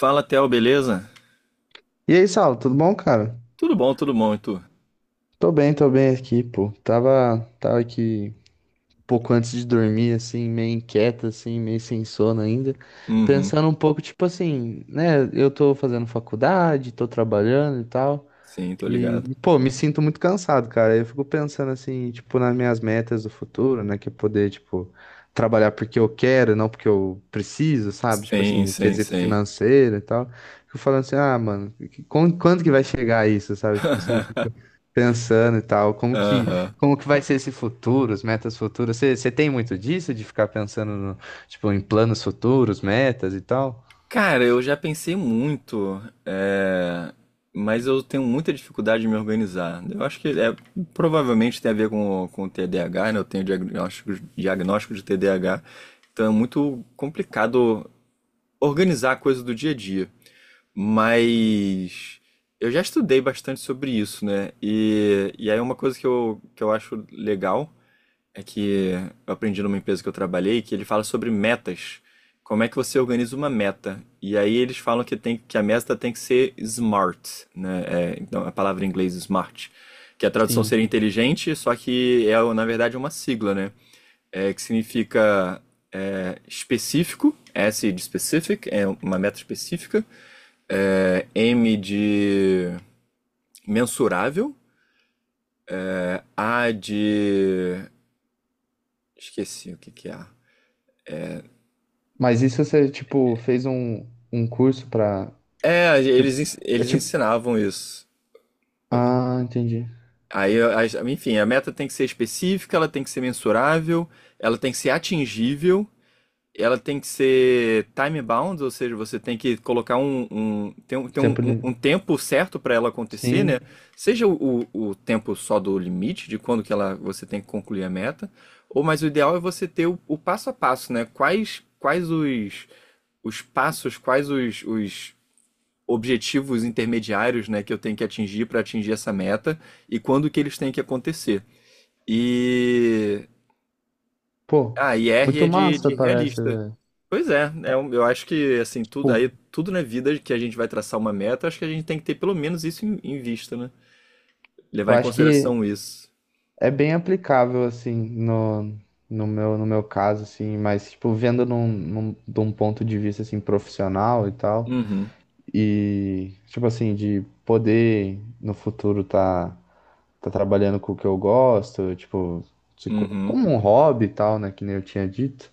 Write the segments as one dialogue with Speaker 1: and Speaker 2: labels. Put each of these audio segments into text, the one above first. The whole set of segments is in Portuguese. Speaker 1: Fala, Theo, beleza?
Speaker 2: E aí, Saulo, tudo bom, cara?
Speaker 1: Tudo bom, e tu?
Speaker 2: Tô bem aqui, pô. Tava aqui um pouco antes de dormir, assim, meio inquieto, assim, meio sem sono ainda.
Speaker 1: Uhum.
Speaker 2: Pensando um pouco, tipo assim, né? Eu tô fazendo faculdade, tô trabalhando e tal.
Speaker 1: Sim, tô ligado.
Speaker 2: E, pô, me sinto muito cansado, cara. Eu fico pensando, assim, tipo, nas minhas metas do futuro, né? Que é poder, tipo, trabalhar porque eu quero, não porque eu preciso, sabe? Tipo
Speaker 1: Sim,
Speaker 2: assim,
Speaker 1: sim,
Speaker 2: quesito
Speaker 1: sim.
Speaker 2: financeiro e tal. Fico falando assim, ah, mano, quando que vai chegar isso, sabe? Tipo assim, pensando e tal, como que,
Speaker 1: Aham.
Speaker 2: como que vai ser esse futuro, as metas futuras? Você tem muito disso, de ficar pensando no, tipo, em planos futuros, metas e tal?
Speaker 1: Cara, eu já pensei muito, é, mas eu tenho muita dificuldade de me organizar. Eu acho que provavelmente tem a ver com o TDAH, né? Eu tenho diagnóstico de TDAH, então é muito complicado organizar a coisa do dia a dia. Mas eu já estudei bastante sobre isso, né? E aí uma coisa que eu acho legal é que eu aprendi numa empresa que eu trabalhei que ele fala sobre metas. Como é que você organiza uma meta? E aí eles falam que a meta tem que ser smart, né? Então a palavra em inglês smart, que a tradução seria
Speaker 2: Sim.
Speaker 1: inteligente, só que na verdade é uma sigla, né? Que significa específico, S de specific, é uma meta específica, M de mensurável, A de. Esqueci o que que é.
Speaker 2: Mas isso você, tipo, fez um curso pra.
Speaker 1: É,
Speaker 2: Tipo,
Speaker 1: eles, ens-
Speaker 2: é
Speaker 1: eles
Speaker 2: tipo.
Speaker 1: ensinavam isso.
Speaker 2: Ah, entendi.
Speaker 1: Aí, enfim, a meta tem que ser específica, ela tem que ser mensurável, ela tem que ser atingível. Ela tem que ser time bound, ou seja, você tem que colocar um, um, tem um, tem um,
Speaker 2: Tempo
Speaker 1: um
Speaker 2: livre.
Speaker 1: um tempo certo para ela acontecer, né?
Speaker 2: Sim.
Speaker 1: Seja o tempo só do limite, de quando que você tem que concluir a meta, ou mas o ideal é você ter o passo a passo, né? Quais os passos, quais os objetivos intermediários, né, que eu tenho que atingir para atingir essa meta e quando que eles têm que acontecer. E.
Speaker 2: Pô,
Speaker 1: Ah, e R
Speaker 2: muito
Speaker 1: é de,
Speaker 2: massa
Speaker 1: de
Speaker 2: parece,
Speaker 1: realista.
Speaker 2: velho.
Speaker 1: Pois é, eu acho que assim,
Speaker 2: Tipo,
Speaker 1: tudo na vida que a gente vai traçar uma meta, acho que a gente tem que ter pelo menos isso em vista, né?
Speaker 2: eu
Speaker 1: Levar em
Speaker 2: acho que
Speaker 1: consideração isso.
Speaker 2: é bem aplicável, assim, no meu caso, assim, mas, tipo, vendo de um ponto de vista, assim, profissional e tal.
Speaker 1: Uhum,
Speaker 2: E, tipo assim, de poder no futuro tá trabalhando com o que eu gosto, tipo, se co-
Speaker 1: uhum,
Speaker 2: como um hobby e tal, né? Que nem eu tinha dito.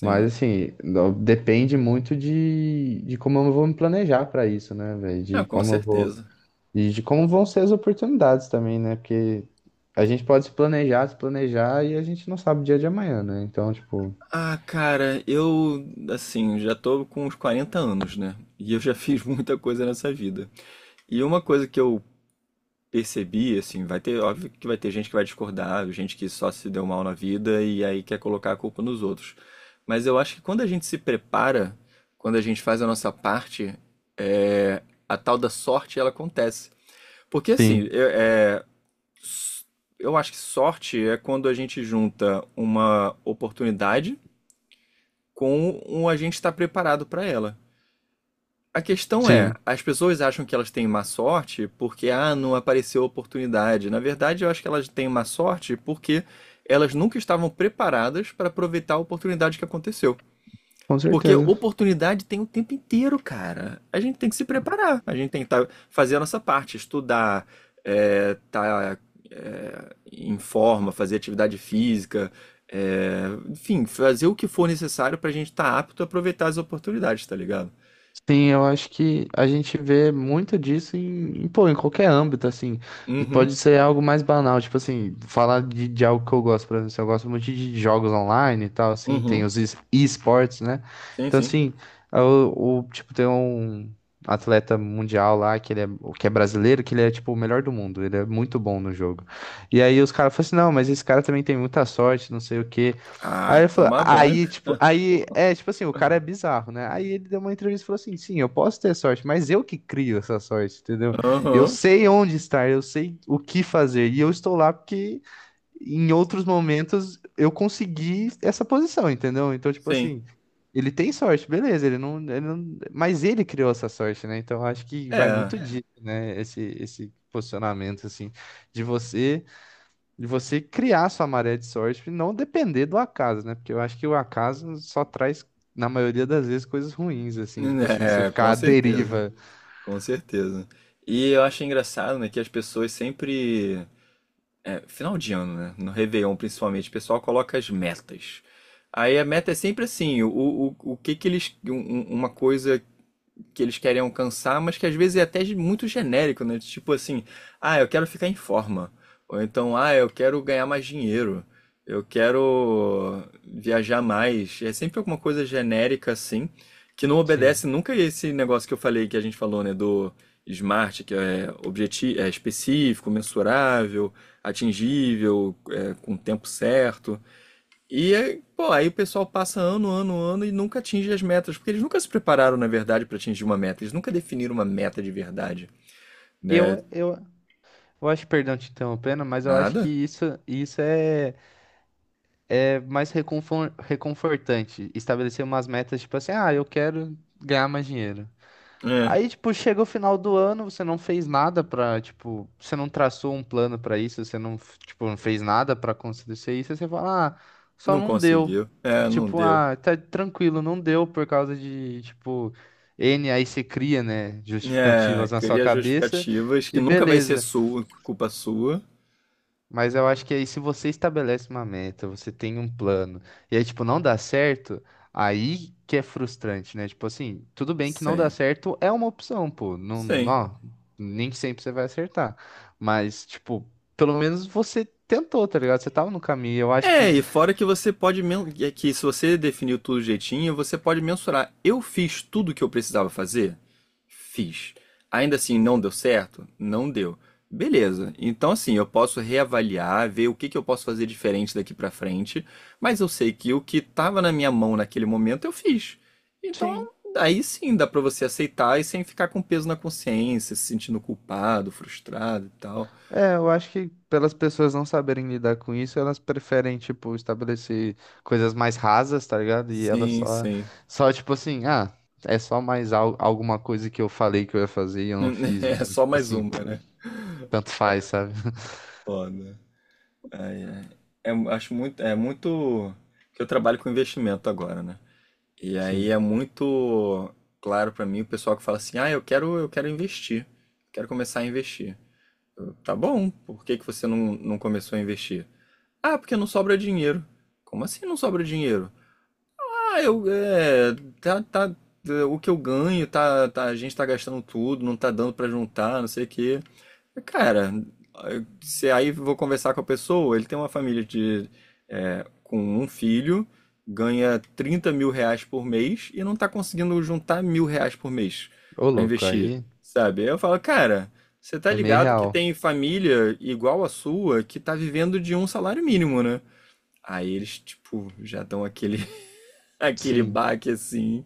Speaker 2: Mas, assim, depende muito de como eu vou me planejar pra isso, né, velho?
Speaker 1: Ah,
Speaker 2: De
Speaker 1: com
Speaker 2: como eu vou.
Speaker 1: certeza.
Speaker 2: E de como vão ser as oportunidades também, né? Porque a gente pode se planejar, se planejar e a gente não sabe o dia de amanhã, né? Então, tipo.
Speaker 1: Ah, cara, eu assim, já tô com uns 40 anos, né? E eu já fiz muita coisa nessa vida. E uma coisa que eu percebi, assim, vai ter, óbvio que vai ter gente que vai discordar, gente que só se deu mal na vida e aí quer colocar a culpa nos outros. Mas eu acho que quando a gente se prepara, quando a gente faz a nossa parte, é, a tal da sorte ela acontece. Porque assim,
Speaker 2: Sim,
Speaker 1: eu acho que sorte é quando a gente junta uma oportunidade com um a gente estar preparado para ela. A questão é,
Speaker 2: sim.
Speaker 1: as pessoas acham que elas têm má sorte porque, ah, não apareceu oportunidade. Na verdade, eu acho que elas têm má sorte porque elas nunca estavam preparadas para aproveitar a oportunidade que aconteceu.
Speaker 2: Com
Speaker 1: Porque
Speaker 2: certeza.
Speaker 1: oportunidade tem o tempo inteiro, cara. A gente tem que se preparar, a gente tem que tá, fazer a nossa parte, estudar, tá em forma, fazer atividade física, é, enfim, fazer o que for necessário para a gente estar apto a aproveitar as oportunidades, tá ligado?
Speaker 2: Sim, eu acho que a gente vê muito disso em, pô, em qualquer âmbito, assim.
Speaker 1: Uhum,
Speaker 2: Pode ser algo mais banal, tipo assim, falar de algo que eu gosto, por exemplo, eu gosto muito de jogos online e tal, assim, tem
Speaker 1: uhum.
Speaker 2: os e-sports, né?
Speaker 1: Sim,
Speaker 2: Então,
Speaker 1: sim.
Speaker 2: assim, tipo, tem um atleta mundial lá, que ele é, o que é brasileiro, que ele é, tipo, o melhor do mundo, ele é muito bom no jogo. E aí os caras falam assim, não, mas esse cara também tem muita sorte, não sei o quê. Aí
Speaker 1: Ah,
Speaker 2: ele falou,
Speaker 1: tomar banho.
Speaker 2: aí, tipo, aí, tipo assim, o cara é bizarro, né? Aí ele deu uma entrevista e falou assim: sim, eu posso ter sorte, mas eu que crio essa sorte, entendeu? Eu
Speaker 1: Aham,
Speaker 2: sei onde estar, eu sei o que fazer, e eu estou lá porque em outros momentos eu consegui essa posição, entendeu? Então, tipo
Speaker 1: sim.
Speaker 2: assim, ele tem sorte, beleza, ele não, mas ele criou essa sorte, né? Então, eu acho que vai
Speaker 1: É,
Speaker 2: muito disso, né? Esse posicionamento, assim, de você criar sua maré de sorte e não depender do acaso, né? Porque eu acho que o acaso só traz, na maioria das vezes, coisas ruins, assim, tipo assim, você
Speaker 1: é,
Speaker 2: ficar
Speaker 1: com
Speaker 2: à
Speaker 1: certeza,
Speaker 2: deriva.
Speaker 1: com certeza. E eu acho engraçado, né, que as pessoas sempre, final de ano, né, no Réveillon principalmente, o pessoal coloca as metas. Aí a meta é sempre assim, o que que eles, um- um- uma coisa que eles querem alcançar, mas que às vezes é até muito genérico, né? Tipo assim, ah, eu quero ficar em forma. Ou então, ah, eu quero ganhar mais dinheiro. Eu quero viajar mais. É sempre alguma coisa genérica assim, que não
Speaker 2: Sim.
Speaker 1: obedece nunca esse negócio que eu falei, que a gente falou, né, do SMART, que é objetivo, é específico, mensurável, atingível, com o tempo certo. E aí, pô, aí o pessoal passa ano, ano, ano e nunca atinge as metas, porque eles nunca se prepararam, na verdade, para atingir uma meta. Eles nunca definiram uma meta de verdade, né?
Speaker 2: Eu, eu, eu acho, perdão te interrompendo, mas eu acho que
Speaker 1: Nada?
Speaker 2: isso é mais reconfortante. Estabelecer umas metas, tipo assim, ah, eu quero ganhar mais dinheiro.
Speaker 1: É,
Speaker 2: Aí, tipo, chega o final do ano, você não fez nada pra, tipo, você não traçou um plano pra isso, você não, tipo, não fez nada pra acontecer isso, aí você fala, ah, só
Speaker 1: não
Speaker 2: não deu.
Speaker 1: conseguiu. É, não
Speaker 2: Tipo,
Speaker 1: deu.
Speaker 2: ah, tá tranquilo, não deu por causa de, tipo, aí você cria, né,
Speaker 1: É,
Speaker 2: justificativas na sua
Speaker 1: cria
Speaker 2: cabeça
Speaker 1: justificativas que
Speaker 2: e
Speaker 1: nunca vai ser
Speaker 2: beleza.
Speaker 1: sua, culpa sua.
Speaker 2: Mas eu acho que aí se você estabelece uma meta, você tem um plano, e aí, tipo, não dá certo, aí que é frustrante, né? Tipo assim, tudo bem que não dá
Speaker 1: Sim.
Speaker 2: certo é uma opção, pô. Não,
Speaker 1: Sim.
Speaker 2: não, nem sempre você vai acertar. Mas, tipo, pelo menos você tentou, tá ligado? Você tava no caminho. Eu acho que
Speaker 1: E fora que é que se você definiu tudo jeitinho, você pode mensurar. Eu fiz tudo o que eu precisava fazer? Fiz. Ainda assim, não deu certo? Não deu. Beleza. Então, assim, eu posso reavaliar, ver o que que eu posso fazer diferente daqui pra frente, mas eu sei que o que estava na minha mão naquele momento eu fiz. Então,
Speaker 2: sim,
Speaker 1: aí sim dá pra você aceitar e sem ficar com peso na consciência, se sentindo culpado, frustrado e tal.
Speaker 2: é, eu acho que pelas pessoas não saberem lidar com isso, elas preferem, tipo, estabelecer coisas mais rasas, tá ligado? E elas
Speaker 1: Sim,
Speaker 2: só,
Speaker 1: sim.
Speaker 2: só tipo assim, ah, é só mais al alguma coisa que eu falei que eu ia fazer e eu não fiz,
Speaker 1: É
Speaker 2: então,
Speaker 1: só
Speaker 2: tipo
Speaker 1: mais
Speaker 2: assim,
Speaker 1: uma, né?
Speaker 2: tanto faz, sabe?
Speaker 1: Foda. Ai, ai. É muito que eu trabalho com investimento agora, né? E aí
Speaker 2: Sim.
Speaker 1: é muito claro pra mim o pessoal que fala assim: "Ah, eu quero investir. Quero começar a investir". Eu, tá bom. Por que que você não, não começou a investir? Ah, porque não sobra dinheiro. Como assim não sobra dinheiro? Ah, eu é, tá, tá, o que eu ganho tá, tá- a gente tá gastando tudo, não tá dando pra juntar, não sei o quê. Cara, se aí vou conversar com a pessoa, ele tem uma família com um filho, ganha 30.000 reais por mês e não tá conseguindo juntar mil reais por mês
Speaker 2: Ô,
Speaker 1: pra
Speaker 2: louco,
Speaker 1: investir,
Speaker 2: aí
Speaker 1: sabe? Aí eu falo, cara, você tá
Speaker 2: é meio
Speaker 1: ligado que
Speaker 2: real.
Speaker 1: tem família igual a sua que tá vivendo de um salário mínimo, né? Aí eles, tipo, já dão aquele
Speaker 2: Sim,
Speaker 1: baque assim,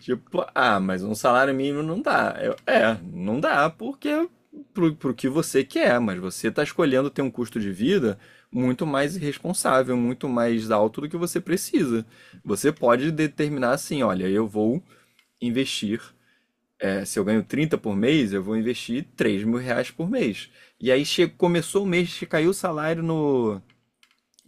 Speaker 1: tipo, ah, mas um salário mínimo não dá. Eu, não dá porque pro que você quer, mas você está escolhendo ter um custo de vida muito mais irresponsável, muito mais alto do que você precisa. Você pode determinar assim, olha, eu vou investir, se eu ganho 30 por mês, eu vou investir 3.000 reais por mês. E aí começou o mês que caiu o salário no,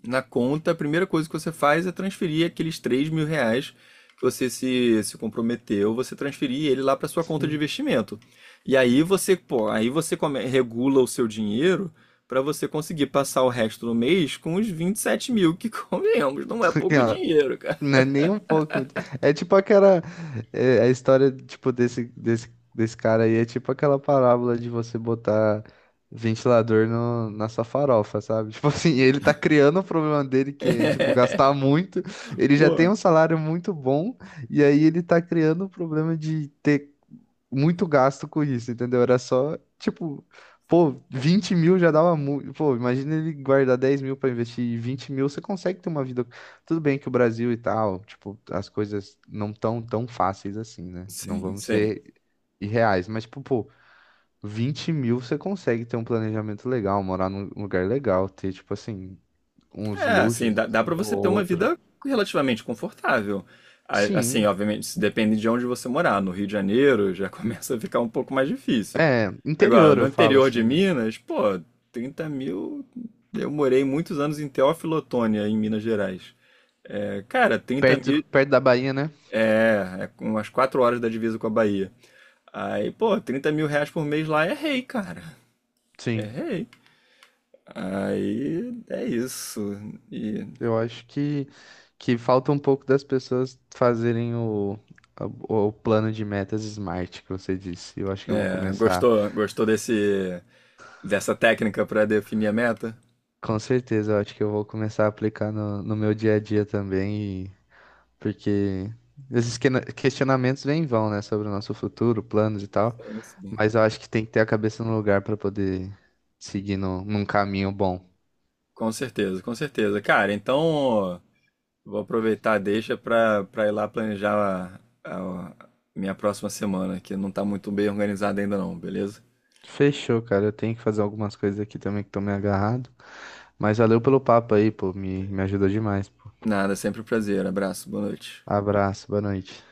Speaker 1: na conta, a primeira coisa que você faz é transferir aqueles 3.000 reais que você se comprometeu, você transferir ele lá para sua conta de
Speaker 2: sim.
Speaker 1: investimento. E aí você, pô, aí você regula o seu dinheiro para você conseguir passar o resto do mês com os 27.000, que convenhamos, não é pouco dinheiro, cara.
Speaker 2: Não é nem um pouco. É tipo aquela. A história, tipo, desse cara aí é tipo aquela parábola de você botar ventilador no, na sua farofa, sabe? Tipo assim, ele tá criando o problema dele, que é, tipo, gastar muito. Ele já tem
Speaker 1: Pô,
Speaker 2: um salário muito bom, e aí ele tá criando o problema de ter muito gasto com isso, entendeu? Era só, tipo, pô, 20 mil já dava muito. Pô, imagina ele guardar 10 mil pra investir e 20 mil, você consegue ter uma vida. Tudo bem que o Brasil e tal, tipo, as coisas não tão tão fáceis assim, né? Não
Speaker 1: sim,
Speaker 2: vamos
Speaker 1: sim.
Speaker 2: ser irreais, mas, tipo, pô, 20 mil você consegue ter um planejamento legal, morar num lugar legal, ter, tipo, assim, uns
Speaker 1: É, assim,
Speaker 2: luxos,
Speaker 1: dá
Speaker 2: assim,
Speaker 1: para
Speaker 2: ou
Speaker 1: você ter uma
Speaker 2: outro.
Speaker 1: vida relativamente confortável. Assim,
Speaker 2: Sim,
Speaker 1: obviamente, isso depende de onde você morar. No Rio de Janeiro já começa a ficar um pouco mais difícil.
Speaker 2: é,
Speaker 1: Agora,
Speaker 2: interior
Speaker 1: no
Speaker 2: eu falo
Speaker 1: interior de
Speaker 2: assim, né?
Speaker 1: Minas, pô, 30.000. Eu morei muitos anos em Teófilo Otoni em Minas Gerais. É, cara, trinta
Speaker 2: Perto,
Speaker 1: mil
Speaker 2: perto da Bahia, né?
Speaker 1: É umas 4 horas da divisa com a Bahia. Aí, pô, 30.000 reais por mês lá é rei, cara. É
Speaker 2: Sim,
Speaker 1: rei. Aí é isso. E,
Speaker 2: eu acho que falta um pouco das pessoas fazerem o plano de metas smart que você disse. Eu acho que eu vou
Speaker 1: é,
Speaker 2: começar.
Speaker 1: gostou, gostou dessa técnica para definir a meta?
Speaker 2: Com certeza, eu acho que eu vou começar a aplicar no meu dia a dia também, porque esses questionamentos vêm e vão, né, sobre o nosso futuro, planos e tal,
Speaker 1: Sim, sim.
Speaker 2: mas eu acho que tem que ter a cabeça no lugar para poder seguir no, num caminho bom.
Speaker 1: Com certeza, com certeza. Cara, então vou aproveitar deixa para ir lá planejar a minha próxima semana, que não tá muito bem organizada ainda não, beleza?
Speaker 2: Fechou, cara, eu tenho que fazer algumas coisas aqui também que estão me agarrado, mas valeu pelo papo aí, pô, me ajudou demais.
Speaker 1: Nada, sempre um prazer. Abraço, boa noite.
Speaker 2: Abraço, boa noite.